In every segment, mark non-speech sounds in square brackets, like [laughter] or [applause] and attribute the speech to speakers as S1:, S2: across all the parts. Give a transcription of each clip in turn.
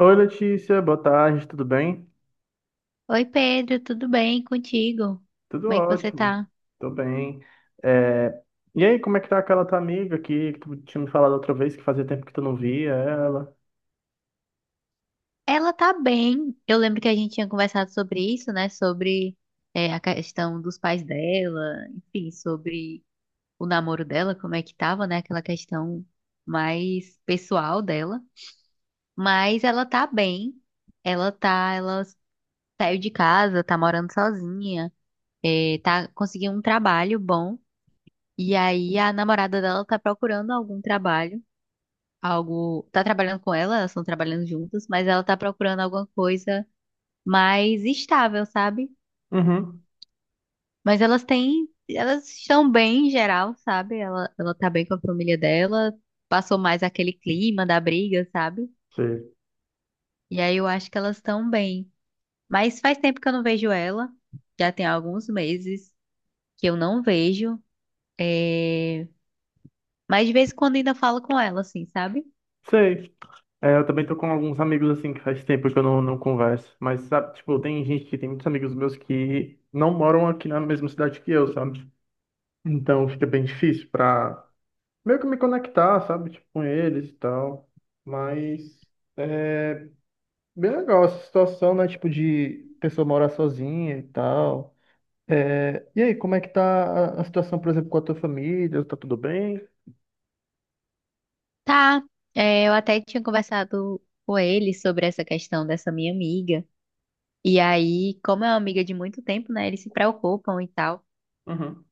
S1: Oi, Letícia, boa tarde, tudo bem?
S2: Oi Pedro, tudo bem contigo?
S1: Tudo
S2: Como é que você
S1: ótimo,
S2: tá?
S1: tô bem. É, E aí, como é que tá aquela tua amiga aqui que tu tinha me falado outra vez que fazia tempo que tu não via ela?
S2: Ela tá bem. Eu lembro que a gente tinha conversado sobre isso, né? Sobre a questão dos pais dela, enfim, sobre o namoro dela, como é que tava, né? Aquela questão mais pessoal dela. Mas ela tá bem. Ela saiu de casa, tá morando sozinha, tá conseguindo um trabalho bom. E aí a namorada dela tá procurando algum trabalho. Algo. Tá trabalhando com ela, elas estão trabalhando juntas, mas ela tá procurando alguma coisa mais estável, sabe?
S1: Uhum,
S2: Mas elas têm. Elas estão bem em geral, sabe? Ela tá bem com a família dela, passou mais aquele clima da briga, sabe?
S1: sei.
S2: E aí eu acho que elas estão bem. Mas faz tempo que eu não vejo ela, já tem alguns meses que eu não vejo. É... Mas de vez em quando ainda falo com ela, assim, sabe?
S1: Sei. É, eu também tô com alguns amigos assim que faz tempo que eu não converso, mas sabe, tipo, tem gente que tem muitos amigos meus que não moram aqui na mesma cidade que eu, sabe? Então fica bem difícil pra meio que me conectar, sabe? Tipo, com eles e tal. Mas. é, Bem legal essa situação, né? Tipo, de pessoa morar sozinha e tal. É, e aí, como é que tá a situação, por exemplo, com a tua família? Tá tudo bem?
S2: Tá, eu até tinha conversado com ele sobre essa questão dessa minha amiga. E aí, como é uma amiga de muito tempo, né? Eles se preocupam e tal.
S1: Uhum.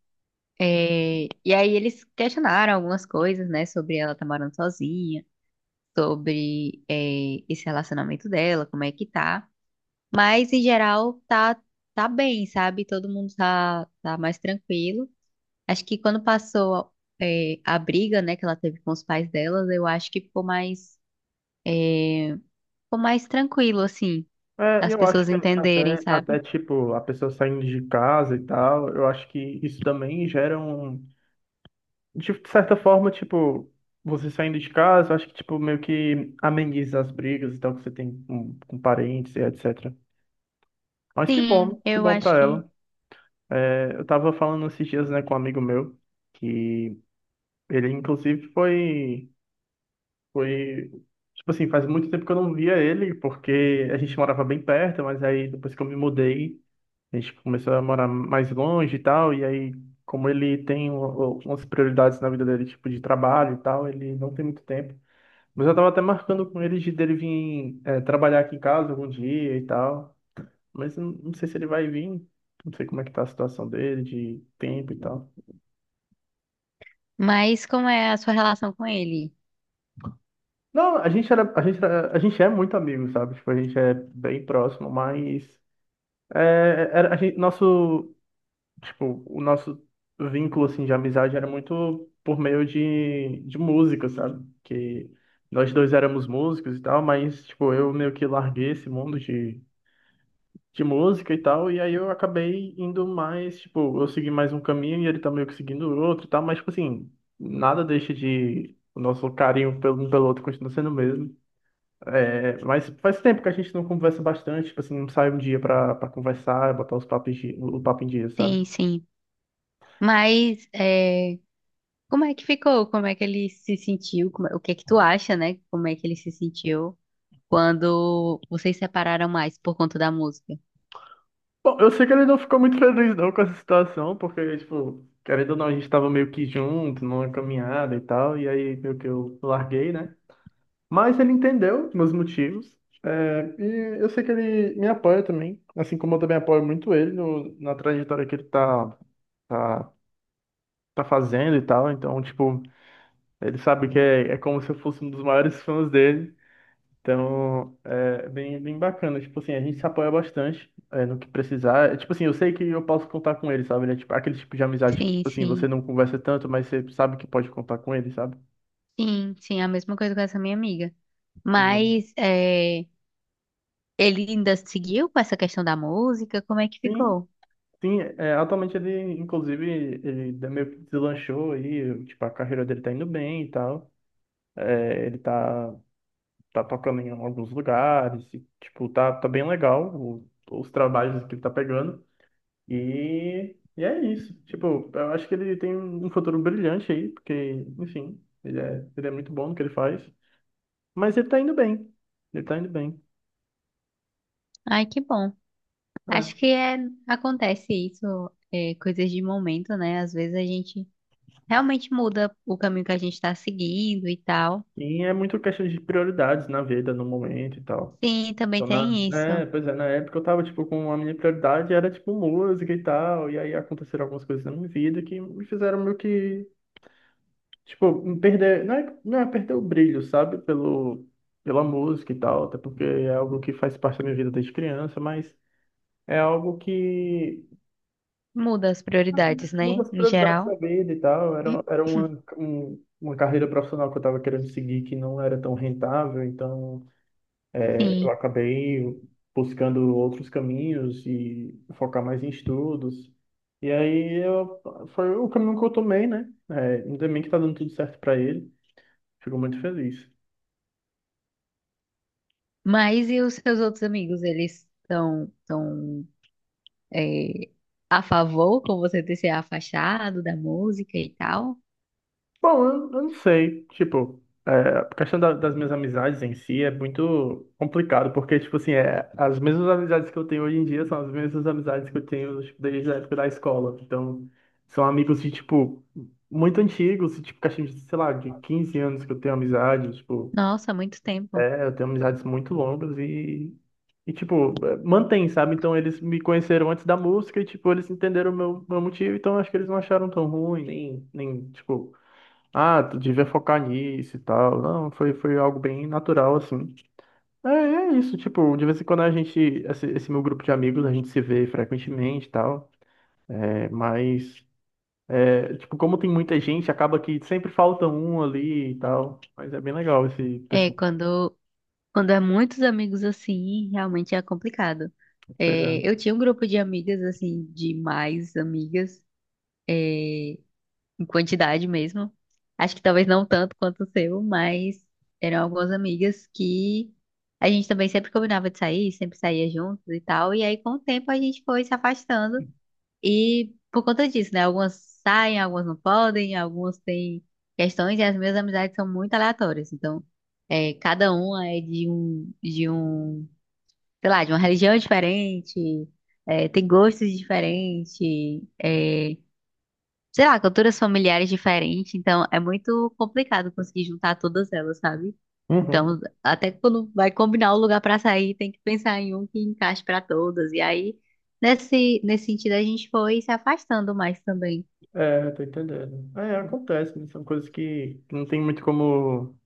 S2: É, e aí eles questionaram algumas coisas, né? Sobre ela estar morando sozinha, sobre esse relacionamento dela, como é que tá. Mas em geral tá bem, sabe? Todo mundo tá mais tranquilo. Acho que quando passou a briga, né, que ela teve com os pais delas, eu acho que ficou mais. é, Ficou mais tranquilo, assim,
S1: É,
S2: as
S1: eu acho
S2: pessoas
S1: que
S2: entenderem,
S1: até,
S2: sabe?
S1: tipo, a pessoa saindo de casa e tal, eu acho que isso também gera um... De certa forma, tipo, você saindo de casa, eu acho que, tipo, meio que ameniza as brigas e tal que você tem com parentes e etc. Mas
S2: Sim,
S1: que
S2: eu
S1: bom
S2: acho
S1: pra
S2: que.
S1: ela. É, eu tava falando esses dias, né, com um amigo meu, que ele, inclusive, foi. Tipo assim, faz muito tempo que eu não via ele, porque a gente morava bem perto, mas aí depois que eu me mudei, a gente começou a morar mais longe e tal. E aí, como ele tem umas prioridades na vida dele, tipo de trabalho e tal, ele não tem muito tempo. Mas eu tava até marcando com ele de dele vir trabalhar aqui em casa algum dia e tal. Mas eu não sei se ele vai vir, não sei como é que tá a situação dele, de tempo e tal.
S2: Mas como é a sua relação com ele?
S1: Não, a gente é muito amigo, sabe? Tipo, a gente é bem próximo, mas é, era, a gente, nosso, tipo, o nosso vínculo assim de amizade era muito por meio de música, sabe? Que nós dois éramos músicos e tal, mas tipo, eu meio que larguei esse mundo de música e tal, e aí eu acabei indo mais, tipo, eu segui mais um caminho e ele tá meio que seguindo o outro e tal, mas tipo assim, nada deixa de o nosso carinho pelo, um pelo outro continua sendo o mesmo. É, mas faz tempo que a gente não conversa bastante, tipo assim, não sai um dia pra conversar, é botar os o papo em dia, sabe?
S2: Sim, sim. Mas é, como é que ficou? Como é que ele se sentiu? O que é que tu acha, né? Como é que ele se sentiu quando vocês separaram mais por conta da música?
S1: Bom, eu sei que ele não ficou muito feliz não com essa situação, porque, tipo, querendo ou não, a gente tava meio que junto, numa caminhada e tal, e aí meio que eu larguei, né? Mas ele entendeu meus motivos, é, e eu sei que ele me apoia também, assim como eu também apoio muito ele na trajetória que ele tá, tá fazendo e tal, então, tipo, ele sabe que é como se eu fosse um dos maiores fãs dele. Então, é bem bacana. Tipo assim, a gente se apoia bastante é, no que precisar. É, tipo assim, eu sei que eu posso contar com ele, sabe? Ele é tipo, aquele tipo de amizade que,
S2: Sim,
S1: tipo assim, você
S2: sim.
S1: não conversa tanto, mas você sabe que pode contar com ele, sabe?
S2: Sim, sim, a mesma coisa com essa minha amiga.
S1: Uhum.
S2: Mas é, ele ainda seguiu com essa questão da música? Como é que
S1: Sim,
S2: ficou?
S1: sim. É, atualmente ele, inclusive, ele meio que deslanchou aí. Tipo, a carreira dele tá indo bem e tal. É, ele tá tocando em alguns lugares. E, tipo, tá bem legal os trabalhos que ele tá pegando. E é isso. Tipo, eu acho que ele tem um futuro brilhante aí, porque, enfim, ele é muito bom no que ele faz. Mas ele tá indo bem. Ele tá indo bem.
S2: Ai, que bom. Acho
S1: É.
S2: que é, acontece isso, é, coisas de momento, né? Às vezes a gente realmente muda o caminho que a gente está seguindo e tal.
S1: E é muito questão de prioridades na vida, no momento e tal.
S2: Sim, também
S1: Então, na,
S2: tem isso.
S1: pois é, na época eu tava, tipo, com a minha prioridade era, tipo, música e tal. E aí aconteceram algumas coisas na minha vida que me fizeram meio que, tipo, me perder. Não é perder o brilho, sabe? Pela música e tal. Até porque é algo que faz parte da minha vida desde criança, mas. É algo que
S2: Muda as prioridades,
S1: muda
S2: né?
S1: as
S2: Em
S1: prioridades da
S2: geral.
S1: vida e tal. Uma carreira profissional que eu estava querendo seguir que não era tão rentável, então eu
S2: Sim.
S1: acabei buscando outros caminhos e focar mais em estudos. E aí eu, foi o caminho que eu tomei, né? É, ainda bem que tá dando tudo certo para ele. Fico muito feliz.
S2: Mas e os seus outros amigos? Eles estão tão, é, a favor com você ter se afastado da música e tal?
S1: Bom, eu não sei. Tipo, é, a questão das minhas amizades em si é muito complicado, porque, tipo assim, é, as mesmas amizades que eu tenho hoje em dia são as mesmas amizades que eu tenho, tipo, desde a época da escola. Então, são amigos de, tipo, muito antigos, tipo, questão de, sei lá, de 15 anos que eu tenho amizade, tipo,
S2: Nossa, muito tempo.
S1: é, eu tenho amizades muito longas e tipo, é, mantém, sabe? Então, eles me conheceram antes da música e, tipo, eles entenderam o meu motivo, então acho que eles não acharam tão ruim, nem, tipo ah, tu devia focar nisso e tal. Não, foi algo bem natural, assim. É, é isso, tipo, de vez em quando a gente, esse meu grupo de amigos, a gente se vê frequentemente e tal. É, mas, tipo, como tem muita gente, acaba que sempre falta um ali e tal. Mas é bem legal esse
S2: É,
S1: pessoal.
S2: quando Quando é muitos amigos assim, realmente é complicado.
S1: Pois é.
S2: É, eu tinha um grupo de amigas, assim, de mais amigas, em quantidade mesmo. Acho que talvez não tanto quanto o seu, mas eram algumas amigas que a gente também sempre combinava de sair, sempre saía juntos e tal. E aí, com o tempo, a gente foi se afastando. E por conta disso, né? Algumas saem, algumas não podem, algumas têm questões, e as minhas amizades são muito aleatórias. Então, é, cada uma é de um sei lá, de uma religião diferente, é, tem gostos diferentes, é, sei lá, culturas familiares diferentes, então é muito complicado conseguir juntar todas elas, sabe?
S1: Uhum.
S2: Então, até quando vai combinar o lugar pra sair, tem que pensar em um que encaixe pra todas. E aí, nesse sentido, a gente foi se afastando mais também.
S1: É, tô entendendo. É, acontece, né? São coisas que não tem muito como.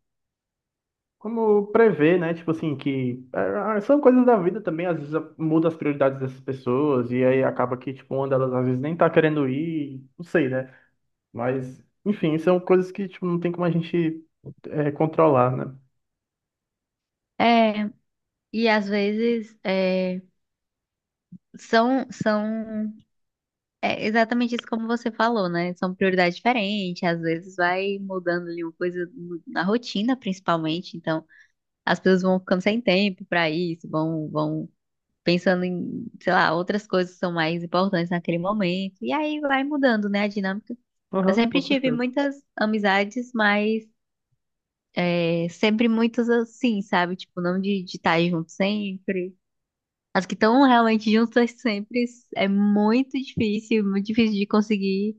S1: Como prever, né? Tipo assim, são coisas da vida também, às vezes muda as prioridades dessas pessoas, e aí acaba que, tipo, uma delas às vezes nem tá querendo ir, não sei, né? Mas, enfim, são coisas que, tipo, não tem como a gente é, controlar, né?
S2: É, e às vezes é, são É exatamente isso como você falou, né? São prioridades diferentes, às vezes vai mudando ali uma coisa na rotina, principalmente, então as pessoas vão ficando sem tempo para isso, vão pensando em, sei lá, outras coisas que são mais importantes naquele momento, e aí vai mudando, né, a dinâmica. Eu
S1: Aham,
S2: sempre
S1: com
S2: tive
S1: certeza.
S2: muitas amizades, mas é, sempre muitas assim, sabe? Tipo, não de estar junto sempre. As que estão realmente juntas [laughs] sempre é muito difícil de conseguir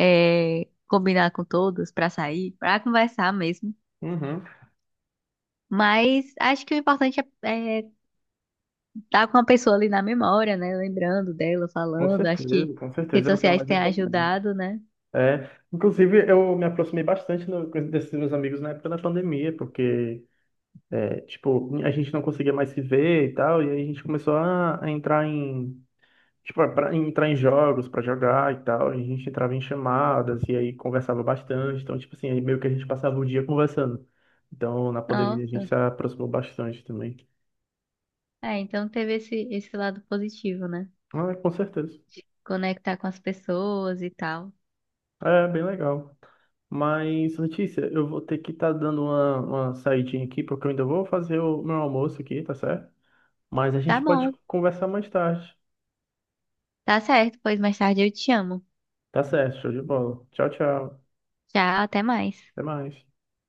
S2: é, combinar com todos pra sair, pra conversar mesmo.
S1: Uhum.
S2: Mas acho que o importante é estar com a pessoa ali na memória, né? Lembrando dela, falando. Acho que
S1: Com
S2: redes
S1: certeza, é o que é
S2: sociais
S1: mais
S2: têm
S1: importante.
S2: ajudado, né?
S1: É, inclusive, eu me aproximei bastante no, desses meus amigos na época da pandemia, porque, é, tipo, a gente não conseguia mais se ver e tal, e aí a gente começou a entrar em tipo, para entrar em jogos, pra jogar e tal, a gente entrava em chamadas e aí conversava bastante. Então, tipo assim, aí meio que a gente passava o dia conversando. Então, na pandemia a gente
S2: Nossa.
S1: se aproximou bastante também.
S2: É, então teve esse lado positivo, né?
S1: Ah, com certeza.
S2: Conectar com as pessoas e tal.
S1: É bem legal. Mas, Letícia, eu vou ter que estar dando uma saidinha aqui, porque eu ainda vou fazer o meu almoço aqui, tá certo? Mas a
S2: Tá
S1: gente pode
S2: bom,
S1: conversar mais tarde.
S2: tá certo, pois mais tarde eu te amo.
S1: Tá certo, show de bola. Tchau, tchau.
S2: Tchau, até mais.
S1: Até mais.